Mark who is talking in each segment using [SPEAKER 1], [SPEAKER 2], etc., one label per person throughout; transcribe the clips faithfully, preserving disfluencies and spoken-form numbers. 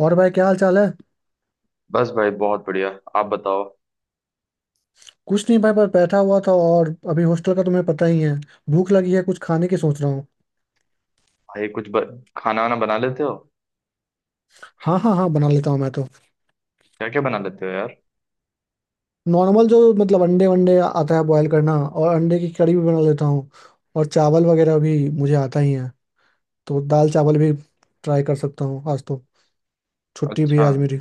[SPEAKER 1] और भाई, क्या हाल चाल है।
[SPEAKER 2] बस भाई बहुत बढ़िया। आप बताओ।
[SPEAKER 1] कुछ नहीं भाई, बस बैठा हुआ था और अभी हॉस्टल का तुम्हें पता ही है। भूख लगी है, कुछ खाने की सोच रहा हूँ।
[SPEAKER 2] भाई कुछ ब... खाना वाना बना लेते हो?
[SPEAKER 1] हाँ हाँ हाँ, बना लेता हूँ मैं तो।
[SPEAKER 2] क्या क्या बना लेते हो यार?
[SPEAKER 1] नॉर्मल जो मतलब अंडे वंडे आता है बॉयल करना, और अंडे की कड़ी भी बना लेता हूँ। और चावल वगैरह भी मुझे आता ही है, तो दाल चावल भी ट्राई कर सकता हूँ आज तो। छुट्टी भी है
[SPEAKER 2] अच्छा।
[SPEAKER 1] आज मेरी।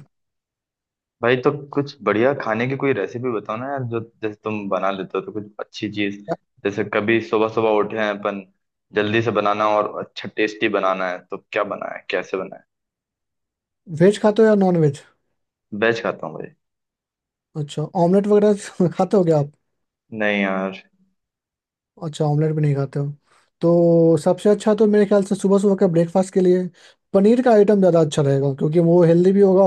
[SPEAKER 2] भाई तो कुछ बढ़िया खाने की कोई रेसिपी बताओ ना यार, जो जैसे तुम बना लेते हो, तो कुछ अच्छी चीज। जैसे कभी सुबह सुबह उठे हैं अपन, जल्दी से बनाना और अच्छा टेस्टी बनाना है, तो क्या बनाए, कैसे बनाए?
[SPEAKER 1] वेज खाते हो या नॉन वेज?
[SPEAKER 2] वेज खाता हूँ भाई।
[SPEAKER 1] अच्छा, ऑमलेट वगैरह खाते हो क्या आप?
[SPEAKER 2] नहीं यार।
[SPEAKER 1] अच्छा, ऑमलेट भी नहीं खाते हो। तो सबसे अच्छा तो मेरे ख्याल से सुबह सुबह का ब्रेकफास्ट के लिए पनीर का आइटम ज़्यादा अच्छा रहेगा, क्योंकि वो हेल्दी भी होगा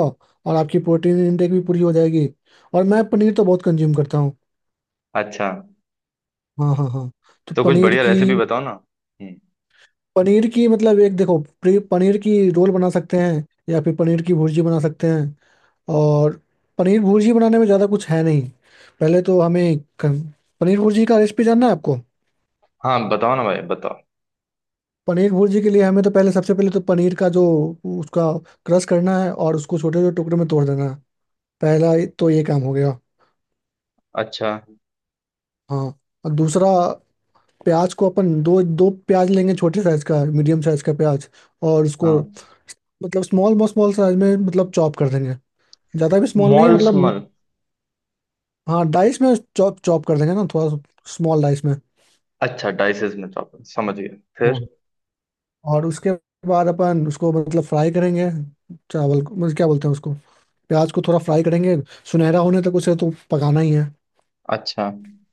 [SPEAKER 1] और आपकी प्रोटीन इनटेक भी पूरी हो जाएगी। और मैं पनीर तो बहुत कंज्यूम करता हूँ।
[SPEAKER 2] अच्छा।
[SPEAKER 1] हाँ हाँ हाँ। तो
[SPEAKER 2] तो कुछ
[SPEAKER 1] पनीर
[SPEAKER 2] बढ़िया
[SPEAKER 1] की
[SPEAKER 2] रेसिपी बताओ ना। हम्म।
[SPEAKER 1] पनीर की मतलब, एक देखो, प्री- पनीर की रोल बना सकते हैं, या फिर पनीर की भुर्जी बना सकते हैं। और पनीर भुर्जी बनाने में ज़्यादा कुछ है नहीं। पहले तो हमें क- पनीर भुर्जी का रेसिपी जानना है आपको?
[SPEAKER 2] हाँ, बताओ ना भाई, बताओ।
[SPEAKER 1] पनीर भुर्जी के लिए हमें तो पहले, सबसे पहले तो पनीर का जो उसका क्रश करना है और उसको छोटे छोटे टुकड़े में तोड़ देना है। पहला, तो ये काम हो गया।
[SPEAKER 2] अच्छा।
[SPEAKER 1] हाँ। और दूसरा, प्याज को अपन दो दो प्याज लेंगे, छोटे साइज का, मीडियम साइज का प्याज, और उसको
[SPEAKER 2] हाँ।
[SPEAKER 1] मतलब स्मॉल स्मॉल साइज में मतलब चॉप कर देंगे। ज़्यादा भी स्मॉल नहीं
[SPEAKER 2] मॉल
[SPEAKER 1] मतलब।
[SPEAKER 2] स्मल।
[SPEAKER 1] हाँ, डाइस में चॉप चॉप कर देंगे ना थोड़ा, स्मॉल डाइस में।
[SPEAKER 2] अच्छा, डाइसेस में चॉपर, समझ गया। फिर?
[SPEAKER 1] हाँ। और उसके बाद अपन उसको मतलब फ्राई करेंगे। चावल को, मतलब क्या बोलते हैं उसको, प्याज को थोड़ा फ्राई करेंगे। सुनहरा होने तक उसे तो पकाना ही है।
[SPEAKER 2] अच्छा।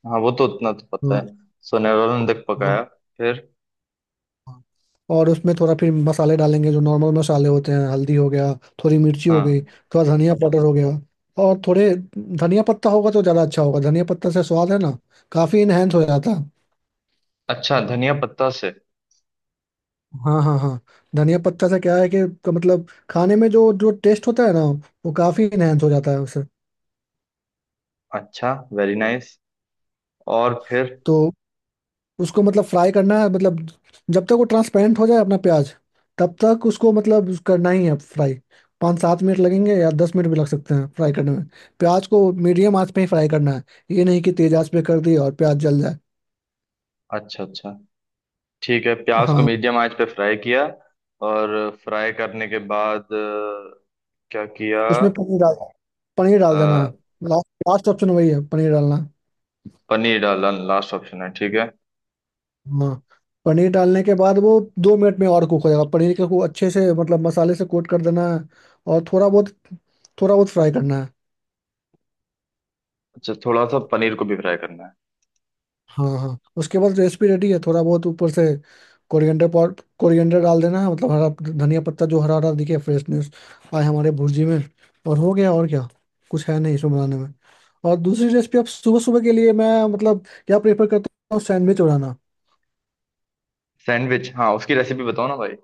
[SPEAKER 2] हाँ, वो तो उतना तो पता है।
[SPEAKER 1] हाँ।
[SPEAKER 2] सोनेरों ने तक
[SPEAKER 1] हाँ।
[SPEAKER 2] पकाया। फिर?
[SPEAKER 1] हाँ। और उसमें थोड़ा फिर मसाले डालेंगे, जो नॉर्मल मसाले होते हैं, हल्दी हो गया, थोड़ी मिर्ची हो गई,
[SPEAKER 2] हाँ।
[SPEAKER 1] थोड़ा धनिया पाउडर हो गया। और थोड़े धनिया पत्ता होगा तो ज़्यादा अच्छा होगा, धनिया पत्ता से स्वाद है ना काफ़ी इनहेंस हो जाता है।
[SPEAKER 2] अच्छा, धनिया पत्ता से।
[SPEAKER 1] हाँ हाँ हाँ। धनिया पत्ता से क्या है कि, क- मतलब खाने में जो जो टेस्ट होता है ना, वो काफ़ी इनहेंस हो जाता है उससे।
[SPEAKER 2] अच्छा, वेरी नाइस। और फिर?
[SPEAKER 1] तो उसको मतलब फ्राई करना है, मतलब जब तक वो ट्रांसपेरेंट हो जाए अपना प्याज, तब तक उसको मतलब करना ही है फ्राई। पाँच सात मिनट लगेंगे, या दस मिनट भी लग सकते हैं फ्राई करने में। प्याज को मीडियम आंच पे ही फ्राई करना है। ये नहीं कि तेज आंच पे कर दी और प्याज जल जाए।
[SPEAKER 2] अच्छा अच्छा, ठीक है। प्याज को
[SPEAKER 1] हाँ।
[SPEAKER 2] मीडियम आंच पे फ्राई किया। और फ्राई करने के बाद अ, क्या किया?
[SPEAKER 1] उसमें पनीर डाल पनीर डाल देना है।
[SPEAKER 2] अ,
[SPEAKER 1] लास्ट लास्ट ऑप्शन वही है, पनीर डालना है।
[SPEAKER 2] पनीर डाला, लास्ट ऑप्शन है, ठीक है।
[SPEAKER 1] हाँ। पनीर डालने के बाद वो दो मिनट में और कुक हो जाएगा, पनीर के को अच्छे से मतलब मसाले से कोट कर देना है। और थोड़ा बहुत थोड़ा बहुत फ्राई करना है।
[SPEAKER 2] अच्छा, थोड़ा सा पनीर को भी फ्राई करना है।
[SPEAKER 1] हाँ हाँ। उसके बाद रेसिपी रेडी है। थोड़ा बहुत ऊपर से कोरिएंडर पाउडर, कोरिएंडर डाल देना है, मतलब हरा धनिया पत्ता, जो हरा हरा दिखे, फ्रेशनेस आए हमारे भुर्जी में। और हो गया, और क्या, कुछ है नहीं इसमें बनाने में। और दूसरी रेसिपी, आप सुबह सुबह के लिए, मैं मतलब क्या प्रेफर करता हूँ, सैंडविच बनाना।
[SPEAKER 2] सैंडविच? हाँ, उसकी रेसिपी बताओ ना भाई।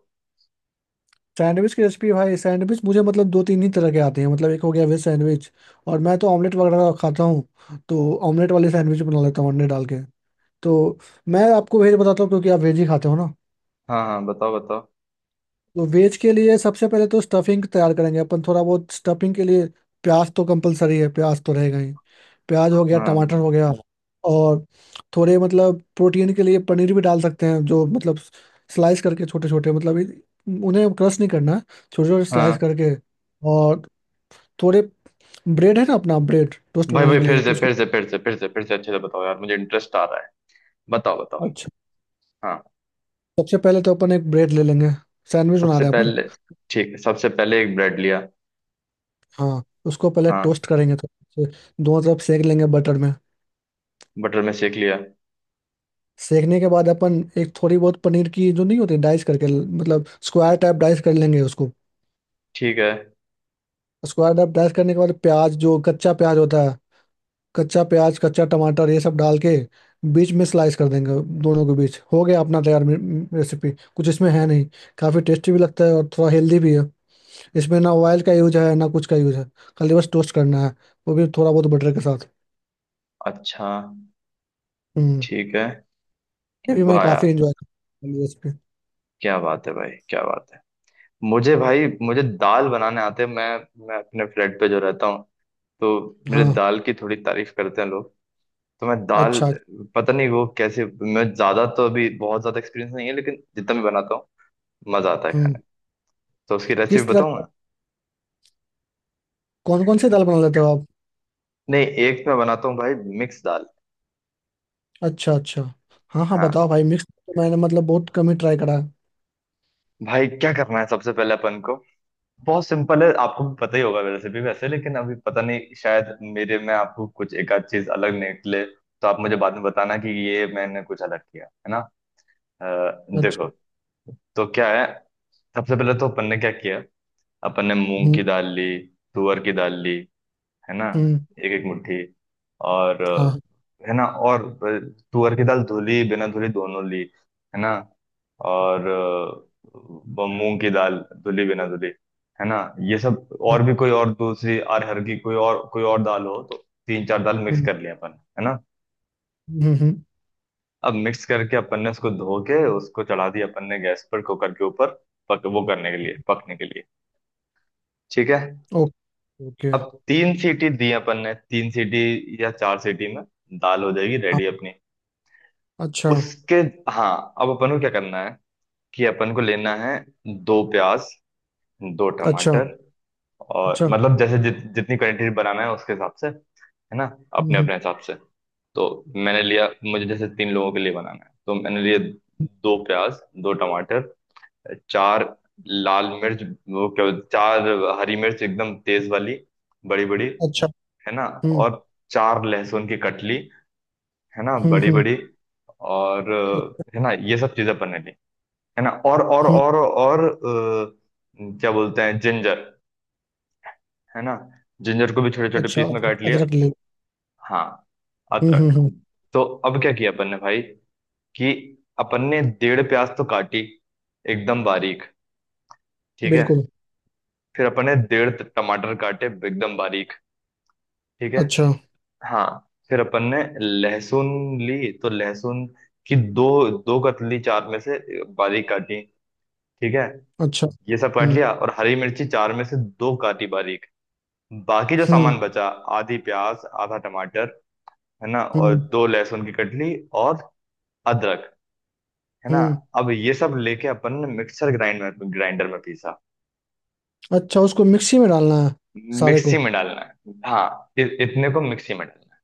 [SPEAKER 1] सैंडविच की रेसिपी भाई, सैंडविच मुझे मतलब दो तीन ही तरह के आते हैं। मतलब एक हो गया वेज सैंडविच, और मैं तो ऑमलेट वगैरह खाता हूँ तो ऑमलेट वाले सैंडविच बना लेता हूँ अंडे डाल के। तो मैं आपको वेज बताता हूँ, क्योंकि आप वेज ही खाते हो।
[SPEAKER 2] हाँ हाँ, बताओ बताओ।
[SPEAKER 1] तो वेज के लिए सबसे पहले तो स्टफिंग तैयार करेंगे अपन, थोड़ा बहुत स्टफिंग के लिए। प्याज तो कंपलसरी है, प्याज तो रहेगा ही। प्याज हो गया,
[SPEAKER 2] हाँ
[SPEAKER 1] टमाटर हो गया। और थोड़े मतलब प्रोटीन के लिए पनीर भी डाल सकते हैं, जो मतलब स्लाइस करके छोटे छोटे, मतलब इन- उन्हें क्रश नहीं करना, छोटे छोटे स्लाइस
[SPEAKER 2] हाँ,
[SPEAKER 1] करके। और थोड़े ब्रेड है ना अपना, ब्रेड टोस्ट
[SPEAKER 2] भाई
[SPEAKER 1] बनाने
[SPEAKER 2] भाई,
[SPEAKER 1] के
[SPEAKER 2] फिर
[SPEAKER 1] लिए
[SPEAKER 2] से
[SPEAKER 1] तो उसको।
[SPEAKER 2] फिर से फिर से फिर से फिर से अच्छे से बताओ यार, मुझे इंटरेस्ट आ रहा है। बताओ बताओ।
[SPEAKER 1] अच्छा।
[SPEAKER 2] हाँ।
[SPEAKER 1] सबसे पहले तो अपन एक ब्रेड ले लेंगे, सैंडविच बना
[SPEAKER 2] सबसे
[SPEAKER 1] रहे हैं अपन।
[SPEAKER 2] पहले। ठीक है, सबसे पहले एक ब्रेड लिया।
[SPEAKER 1] हाँ, उसको पहले
[SPEAKER 2] हाँ,
[SPEAKER 1] टोस्ट करेंगे तो दोनों तरफ सेक लेंगे बटर में।
[SPEAKER 2] बटर में सेक लिया।
[SPEAKER 1] सेकने के बाद अपन एक थोड़ी बहुत पनीर की जो नहीं होती, डाइस करके मतलब स्क्वायर टाइप डाइस कर लेंगे उसको।
[SPEAKER 2] ठीक है।
[SPEAKER 1] स्क्वायर टाइप डाइस करने के बाद प्याज जो कच्चा प्याज होता है, कच्चा प्याज, कच्चा टमाटर, ये सब डाल के बीच में स्लाइस कर देंगे। दोनों के बीच हो गया अपना तैयार रेसिपी। कुछ इसमें है नहीं। काफ़ी टेस्टी भी लगता है, और थोड़ा हेल्दी भी है। इसमें ना ऑयल का यूज है, ना कुछ का यूज है। खाली बस टोस्ट करना है, वो भी थोड़ा बहुत बटर के साथ।
[SPEAKER 2] अच्छा।
[SPEAKER 1] हम्म।
[SPEAKER 2] ठीक है।
[SPEAKER 1] ये भी मैं
[SPEAKER 2] वाह
[SPEAKER 1] काफ़ी
[SPEAKER 2] यार!
[SPEAKER 1] इंजॉय करता हूँ रेसिपी।
[SPEAKER 2] क्या बात है भाई, क्या बात है! मुझे भाई, मुझे दाल बनाने आते हैं। मैं मैं अपने फ्लैट पे जो रहता हूँ, तो मेरे
[SPEAKER 1] हाँ,
[SPEAKER 2] दाल की थोड़ी तारीफ करते हैं लोग। तो मैं दाल,
[SPEAKER 1] अच्छा।
[SPEAKER 2] पता नहीं वो कैसे। मैं ज्यादा तो, अभी बहुत ज्यादा एक्सपीरियंस नहीं है, लेकिन जितना मैं बनाता हूँ, मजा आता है खाने
[SPEAKER 1] हम्म।
[SPEAKER 2] में। तो उसकी रेसिपी
[SPEAKER 1] किस
[SPEAKER 2] बताऊँ
[SPEAKER 1] तरह,
[SPEAKER 2] मैं?
[SPEAKER 1] कौन कौन सी दाल बना लेते हो आप?
[SPEAKER 2] नहीं, एक मैं बनाता हूँ भाई, मिक्स दाल।
[SPEAKER 1] अच्छा अच्छा। हाँ हाँ,
[SPEAKER 2] हाँ
[SPEAKER 1] बताओ भाई, मिक्स तो मैंने मतलब बहुत कम ही ट्राई करा है।
[SPEAKER 2] भाई, क्या करना है सबसे पहले अपन को? बहुत सिंपल है, आपको भी पता ही होगा वैसे भी, वैसे, लेकिन अभी पता नहीं, शायद मेरे में आपको कुछ एक आध चीज अलग निकले, तो आप मुझे बाद में बताना कि ये मैंने कुछ अलग किया है ना। अ, देखो।
[SPEAKER 1] अच्छा।
[SPEAKER 2] तो क्या है, सबसे पहले तो अपन ने क्या किया, अपन ने मूंग की
[SPEAKER 1] हम्म
[SPEAKER 2] दाल ली, तुअर की दाल ली, है ना,
[SPEAKER 1] हम्म।
[SPEAKER 2] एक एक मुट्ठी। और
[SPEAKER 1] हाँ हाँ।
[SPEAKER 2] अ, है ना, और अ, तुअर की दाल धुली बिना धुली दोनों ली, है ना, और अ, ब- मूंग की दाल धुली बिना धुली, है ना, ये सब, और भी कोई और दूसरी अरहर की कोई और कोई और दाल हो तो, तीन चार दाल मिक्स
[SPEAKER 1] हम्म
[SPEAKER 2] कर लिया अपन, है ना।
[SPEAKER 1] हम्म हम्म।
[SPEAKER 2] अब मिक्स करके अपन ने उसको धो के उसको चढ़ा दिया अपन ने, गैस पर कुकर के ऊपर, पक वो करने के लिए पकने के लिए। ठीक है।
[SPEAKER 1] Okay okay.
[SPEAKER 2] अब तीन सीटी दी अपन ने, तीन सीटी या चार सीटी में दाल हो जाएगी
[SPEAKER 1] हाँ।
[SPEAKER 2] रेडी अपनी।
[SPEAKER 1] अच्छा
[SPEAKER 2] उसके, हाँ, अब अपन को क्या करना है, कि अपन को लेना है दो प्याज, दो
[SPEAKER 1] अच्छा
[SPEAKER 2] टमाटर, और
[SPEAKER 1] अच्छा।
[SPEAKER 2] मतलब जैसे जित, जितनी क्वांटिटी बनाना है उसके हिसाब से, है ना,
[SPEAKER 1] हम्म
[SPEAKER 2] अपने
[SPEAKER 1] हम्म।
[SPEAKER 2] अपने हिसाब से। तो मैंने लिया, मुझे जैसे तीन लोगों के लिए बनाना है, तो मैंने लिए दो प्याज, दो टमाटर, चार लाल मिर्च, वो क्या, चार हरी मिर्च एकदम तेज वाली, बड़ी बड़ी,
[SPEAKER 1] अच्छा।
[SPEAKER 2] है ना,
[SPEAKER 1] हम्म
[SPEAKER 2] और चार लहसुन की कटली, है ना,
[SPEAKER 1] हम्म
[SPEAKER 2] बड़ी
[SPEAKER 1] हम्म
[SPEAKER 2] बड़ी, और अ, है ना, ये सब चीजें बने ली, है ना, और और
[SPEAKER 1] हम्म।
[SPEAKER 2] और और अ, क्या बोलते हैं, जिंजर, है ना, जिंजर को भी छोटे छोटे
[SPEAKER 1] अच्छा,
[SPEAKER 2] पीस में काट
[SPEAKER 1] अदरक,
[SPEAKER 2] लिया।
[SPEAKER 1] अदरक ले।
[SPEAKER 2] हाँ,
[SPEAKER 1] हम्म हम्म
[SPEAKER 2] अदरक।
[SPEAKER 1] हम्म।
[SPEAKER 2] तो अब क्या किया अपन ने भाई, कि अपन ने डेढ़ प्याज तो काटी, एकदम बारीक, ठीक है,
[SPEAKER 1] बिल्कुल।
[SPEAKER 2] फिर अपन ने डेढ़ टमाटर काटे एकदम बारीक, ठीक है।
[SPEAKER 1] अच्छा
[SPEAKER 2] हाँ, फिर अपन ने लहसुन ली, तो लहसुन की दो दो कतली चार में से बारीक काटी, ठीक है,
[SPEAKER 1] अच्छा।
[SPEAKER 2] ये सब काट
[SPEAKER 1] हम्म
[SPEAKER 2] लिया, और हरी मिर्ची चार में से दो काटी बारीक, बाकी जो सामान
[SPEAKER 1] हम्म
[SPEAKER 2] बचा, आधी प्याज, आधा टमाटर, है ना, और
[SPEAKER 1] हम्म
[SPEAKER 2] दो लहसुन की कटली, और अदरक, है ना।
[SPEAKER 1] हम्म।
[SPEAKER 2] अब ये सब लेके अपन ने मिक्सर ग्राइंड में ग्राइंडर में पीसा।
[SPEAKER 1] अच्छा, उसको मिक्सी में डालना है सारे
[SPEAKER 2] मिक्सी
[SPEAKER 1] को?
[SPEAKER 2] में डालना है? हाँ, इ, इतने को मिक्सी में डालना है।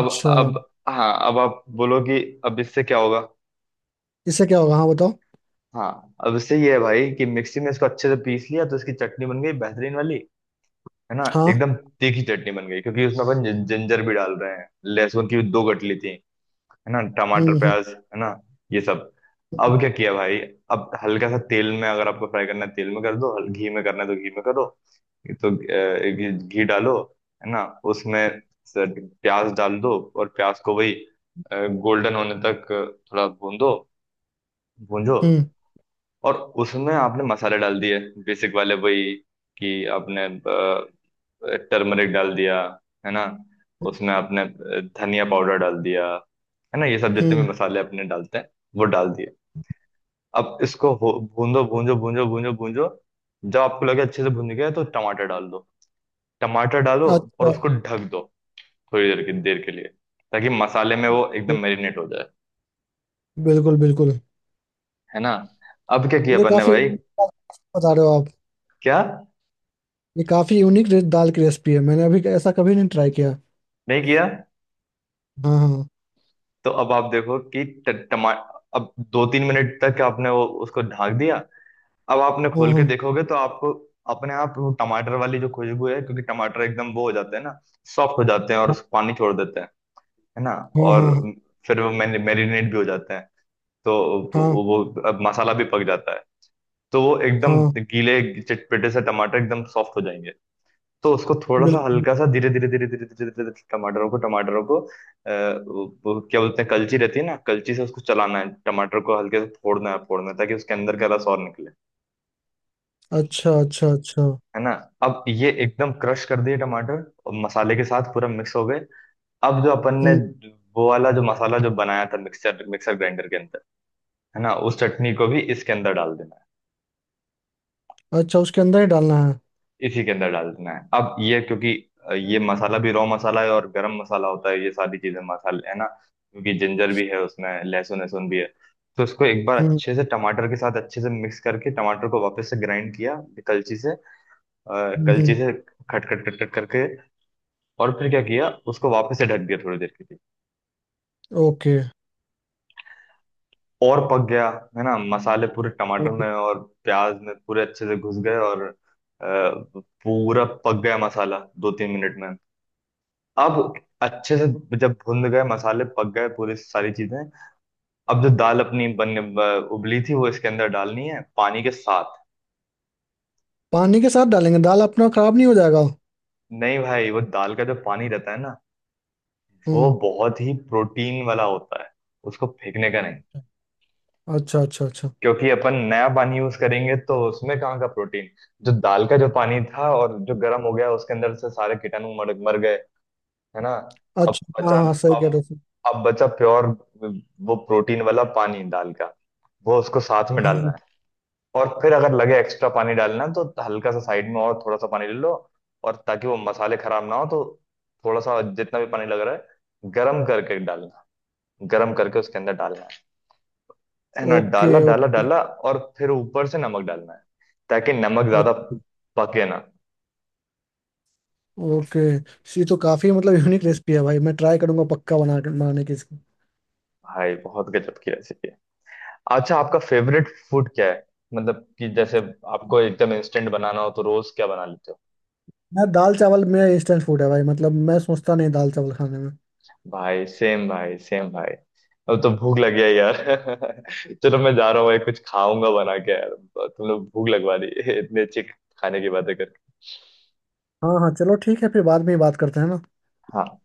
[SPEAKER 2] अब अब हाँ, अब आप बोलो कि अब इससे क्या होगा।
[SPEAKER 1] इससे क्या होगा? हाँ बताओ।
[SPEAKER 2] हाँ, अब इससे ये है भाई कि मिक्सी में इसको अच्छे से पीस लिया, तो इसकी चटनी बन गई बेहतरीन वाली, है ना,
[SPEAKER 1] हाँ।
[SPEAKER 2] एकदम तीखी चटनी बन गई, क्योंकि उसमें अपन जिं- जिंजर भी डाल रहे हैं, लहसुन की भी दो गठली थी, है ना, टमाटर,
[SPEAKER 1] हम्म हम्म
[SPEAKER 2] प्याज, है ना, ये सब। अब क्या किया भाई, अब हल्का सा तेल में, अगर आपको फ्राई करना है तेल में कर दो, हल- घी में करना है तो घी में करो, ये तो अ, घी, घी डालो, है ना, उसमें स- प्याज डाल दो, और प्याज को वही गोल्डन होने तक थोड़ा भून दो, भूंजो,
[SPEAKER 1] हम्म
[SPEAKER 2] और उसमें आपने मसाले डाल दिए, बेसिक वाले वही, कि आपने टर्मरिक डाल दिया, है ना, उसमें आपने अ, धनिया पाउडर डाल दिया, है ना, ये सब जितने भी
[SPEAKER 1] हम्म।
[SPEAKER 2] मसाले अपने डालते हैं, वो डाल दिए। अब इसको हो- भूंदो, भूंजो भूंजो भूंजो भूंजो, जब आपको लगे अच्छे से भून गया तो टमाटर डाल दो, टमाटर डालो, और
[SPEAKER 1] अच्छा।
[SPEAKER 2] उसको ढक दो थोड़ी देर के देर के लिए, ताकि मसाले में वो एकदम मैरिनेट हो जाए,
[SPEAKER 1] बिल्कुल बिल्कुल। ये
[SPEAKER 2] है ना। अब क्या किया
[SPEAKER 1] तो
[SPEAKER 2] अपन ने
[SPEAKER 1] काफी
[SPEAKER 2] भाई?
[SPEAKER 1] बता रहे हो आप।
[SPEAKER 2] क्या?
[SPEAKER 1] ये काफी यूनिक दाल की रेसिपी है, मैंने अभी ऐसा कभी नहीं ट्राई किया।
[SPEAKER 2] नहीं किया?
[SPEAKER 1] हाँ हाँ।
[SPEAKER 2] तो अब आप देखो कि ट- टमा अब दो तीन मिनट तक आपने वो उसको ढाक दिया, अब आपने खोल के
[SPEAKER 1] हाँ।
[SPEAKER 2] देखोगे तो आपको अपने आप वो टमाटर वाली जो खुशबू है, क्योंकि टमाटर एकदम वो हो जाते हैं ना, सॉफ्ट हो जाते हैं और उस पानी छोड़ देते हैं, है ना,
[SPEAKER 1] हाँ
[SPEAKER 2] और
[SPEAKER 1] हाँ। हाँ
[SPEAKER 2] फिर वो मैरिनेट भी हो जाते हैं, तो
[SPEAKER 1] हाँ।
[SPEAKER 2] वो वो- अब मसाला भी पक जाता है, तो वो
[SPEAKER 1] हाँ।
[SPEAKER 2] एकदम
[SPEAKER 1] हाँ।
[SPEAKER 2] गीले चटपटे से टमाटर एकदम सॉफ्ट हो जाएंगे, तो उसको थोड़ा सा
[SPEAKER 1] बिल्कुल।
[SPEAKER 2] हल्का सा धीरे धीरे धीरे धीरे धीरे धीरे धीरे टमाटरों को टमाटरों को अ, वो, वो क्या बोलते हैं, कलची रहती है ना, कलची से उसको चलाना है, टमाटर को हल्के से फोड़ना है, फोड़ना है, ताकि उसके अंदर का रस और निकले,
[SPEAKER 1] अच्छा अच्छा अच्छा।
[SPEAKER 2] है ना। अब ये एकदम क्रश कर दिए टमाटर और मसाले के साथ पूरा मिक्स हो गए। अब जो अपन ने
[SPEAKER 1] हम्म।
[SPEAKER 2] वो वाला जो मसाला जो बनाया था मिक्सर मिक्सर ग्राइंडर के अंदर, है ना, उस चटनी को भी इसके अंदर डाल देना,
[SPEAKER 1] अच्छा, उसके अंदर ही डालना है?
[SPEAKER 2] इसी के अंदर डाल देना है। अब ये क्योंकि अ, ये मसाला भी रॉ मसाला है, और गरम मसाला होता है ये सारी चीजें मसाले, है ना, क्योंकि जिंजर भी है उसमें, लहसुन, लहसुन भी है, तो इसको एक बार
[SPEAKER 1] हम्म
[SPEAKER 2] अच्छे से टमाटर के साथ अच्छे से मिक्स करके टमाटर को वापस से ग्राइंड किया, कलची से, अ,
[SPEAKER 1] हम्म
[SPEAKER 2] कलची
[SPEAKER 1] हम्म।
[SPEAKER 2] से, खट खट खट खट करके, और फिर क्या किया, उसको वापस से ढक दिया थोड़ी देर के लिए,
[SPEAKER 1] ओके।
[SPEAKER 2] और पक गया, है ना, मसाले पूरे टमाटर में और प्याज में पूरे अच्छे से घुस गए, और अ, पूरा पक गया मसाला दो तीन मिनट में। अब अच्छे से, जब भुन गए मसाले, पक गए पूरी सारी चीजें, अब जो दाल अपनी बनने ब- उबली थी वो इसके अंदर डालनी है, पानी के साथ।
[SPEAKER 1] पानी के साथ डालेंगे दाल, अपना खराब नहीं हो जाएगा?
[SPEAKER 2] नहीं भाई, वो दाल का जो पानी रहता है ना, वो
[SPEAKER 1] हम्म।
[SPEAKER 2] बहुत ही प्रोटीन वाला होता है, उसको फेंकने का नहीं,
[SPEAKER 1] अच्छा अच्छा अच्छा।
[SPEAKER 2] क्योंकि अपन नया पानी यूज करेंगे तो उसमें कहाँ का प्रोटीन। जो दाल का जो पानी था और जो गर्म हो गया उसके अंदर से सारे कीटाणु मर मर गए, है ना। अब
[SPEAKER 1] अच्छा, हाँ
[SPEAKER 2] बचा,
[SPEAKER 1] हाँ, सही कह
[SPEAKER 2] अब
[SPEAKER 1] रहे हो।
[SPEAKER 2] अब बचा प्योर वो प्रोटीन वाला पानी दाल का, वो उसको साथ में डालना
[SPEAKER 1] हाँ।
[SPEAKER 2] है, और फिर अगर लगे एक्स्ट्रा पानी डालना तो हल्का सा साइड में और थोड़ा सा पानी ले लो, और ताकि वो मसाले खराब ना हो तो, थोड़ा सा जितना भी पानी लग रहा है गरम करके डालना, गरम करके उसके अंदर डालना है है ना,
[SPEAKER 1] ओके
[SPEAKER 2] डाला, डाला,
[SPEAKER 1] ओके।
[SPEAKER 2] डाला, और फिर ऊपर से नमक डालना है, ताकि नमक ज्यादा
[SPEAKER 1] अच्छा।
[SPEAKER 2] पके ना।
[SPEAKER 1] ओके। ये तो काफी मतलब यूनिक रेसिपी है भाई, मैं ट्राई करूंगा पक्का बना के- बनाने की।
[SPEAKER 2] भाई बहुत गजब की रेसिपी है। अच्छा, आपका फेवरेट फूड क्या है, मतलब कि जैसे आपको एकदम इंस्टेंट बनाना हो तो रोज क्या बना लेते हो?
[SPEAKER 1] मैं दाल चावल मेरा इंस्टेंट फूड है भाई, मतलब मैं सोचता नहीं दाल चावल खाने में।
[SPEAKER 2] भाई सेम भाई, सेम भाई। अब तो भूख लगी है यार। चलो मैं जा रहा हूँ भाई, कुछ खाऊंगा बना के यार। तुम लोग भूख लगवा दी इतने अच्छे खाने की बातें करके।
[SPEAKER 1] हाँ हाँ, चलो ठीक है, फिर बाद में ही बात करते हैं ना।
[SPEAKER 2] हाँ।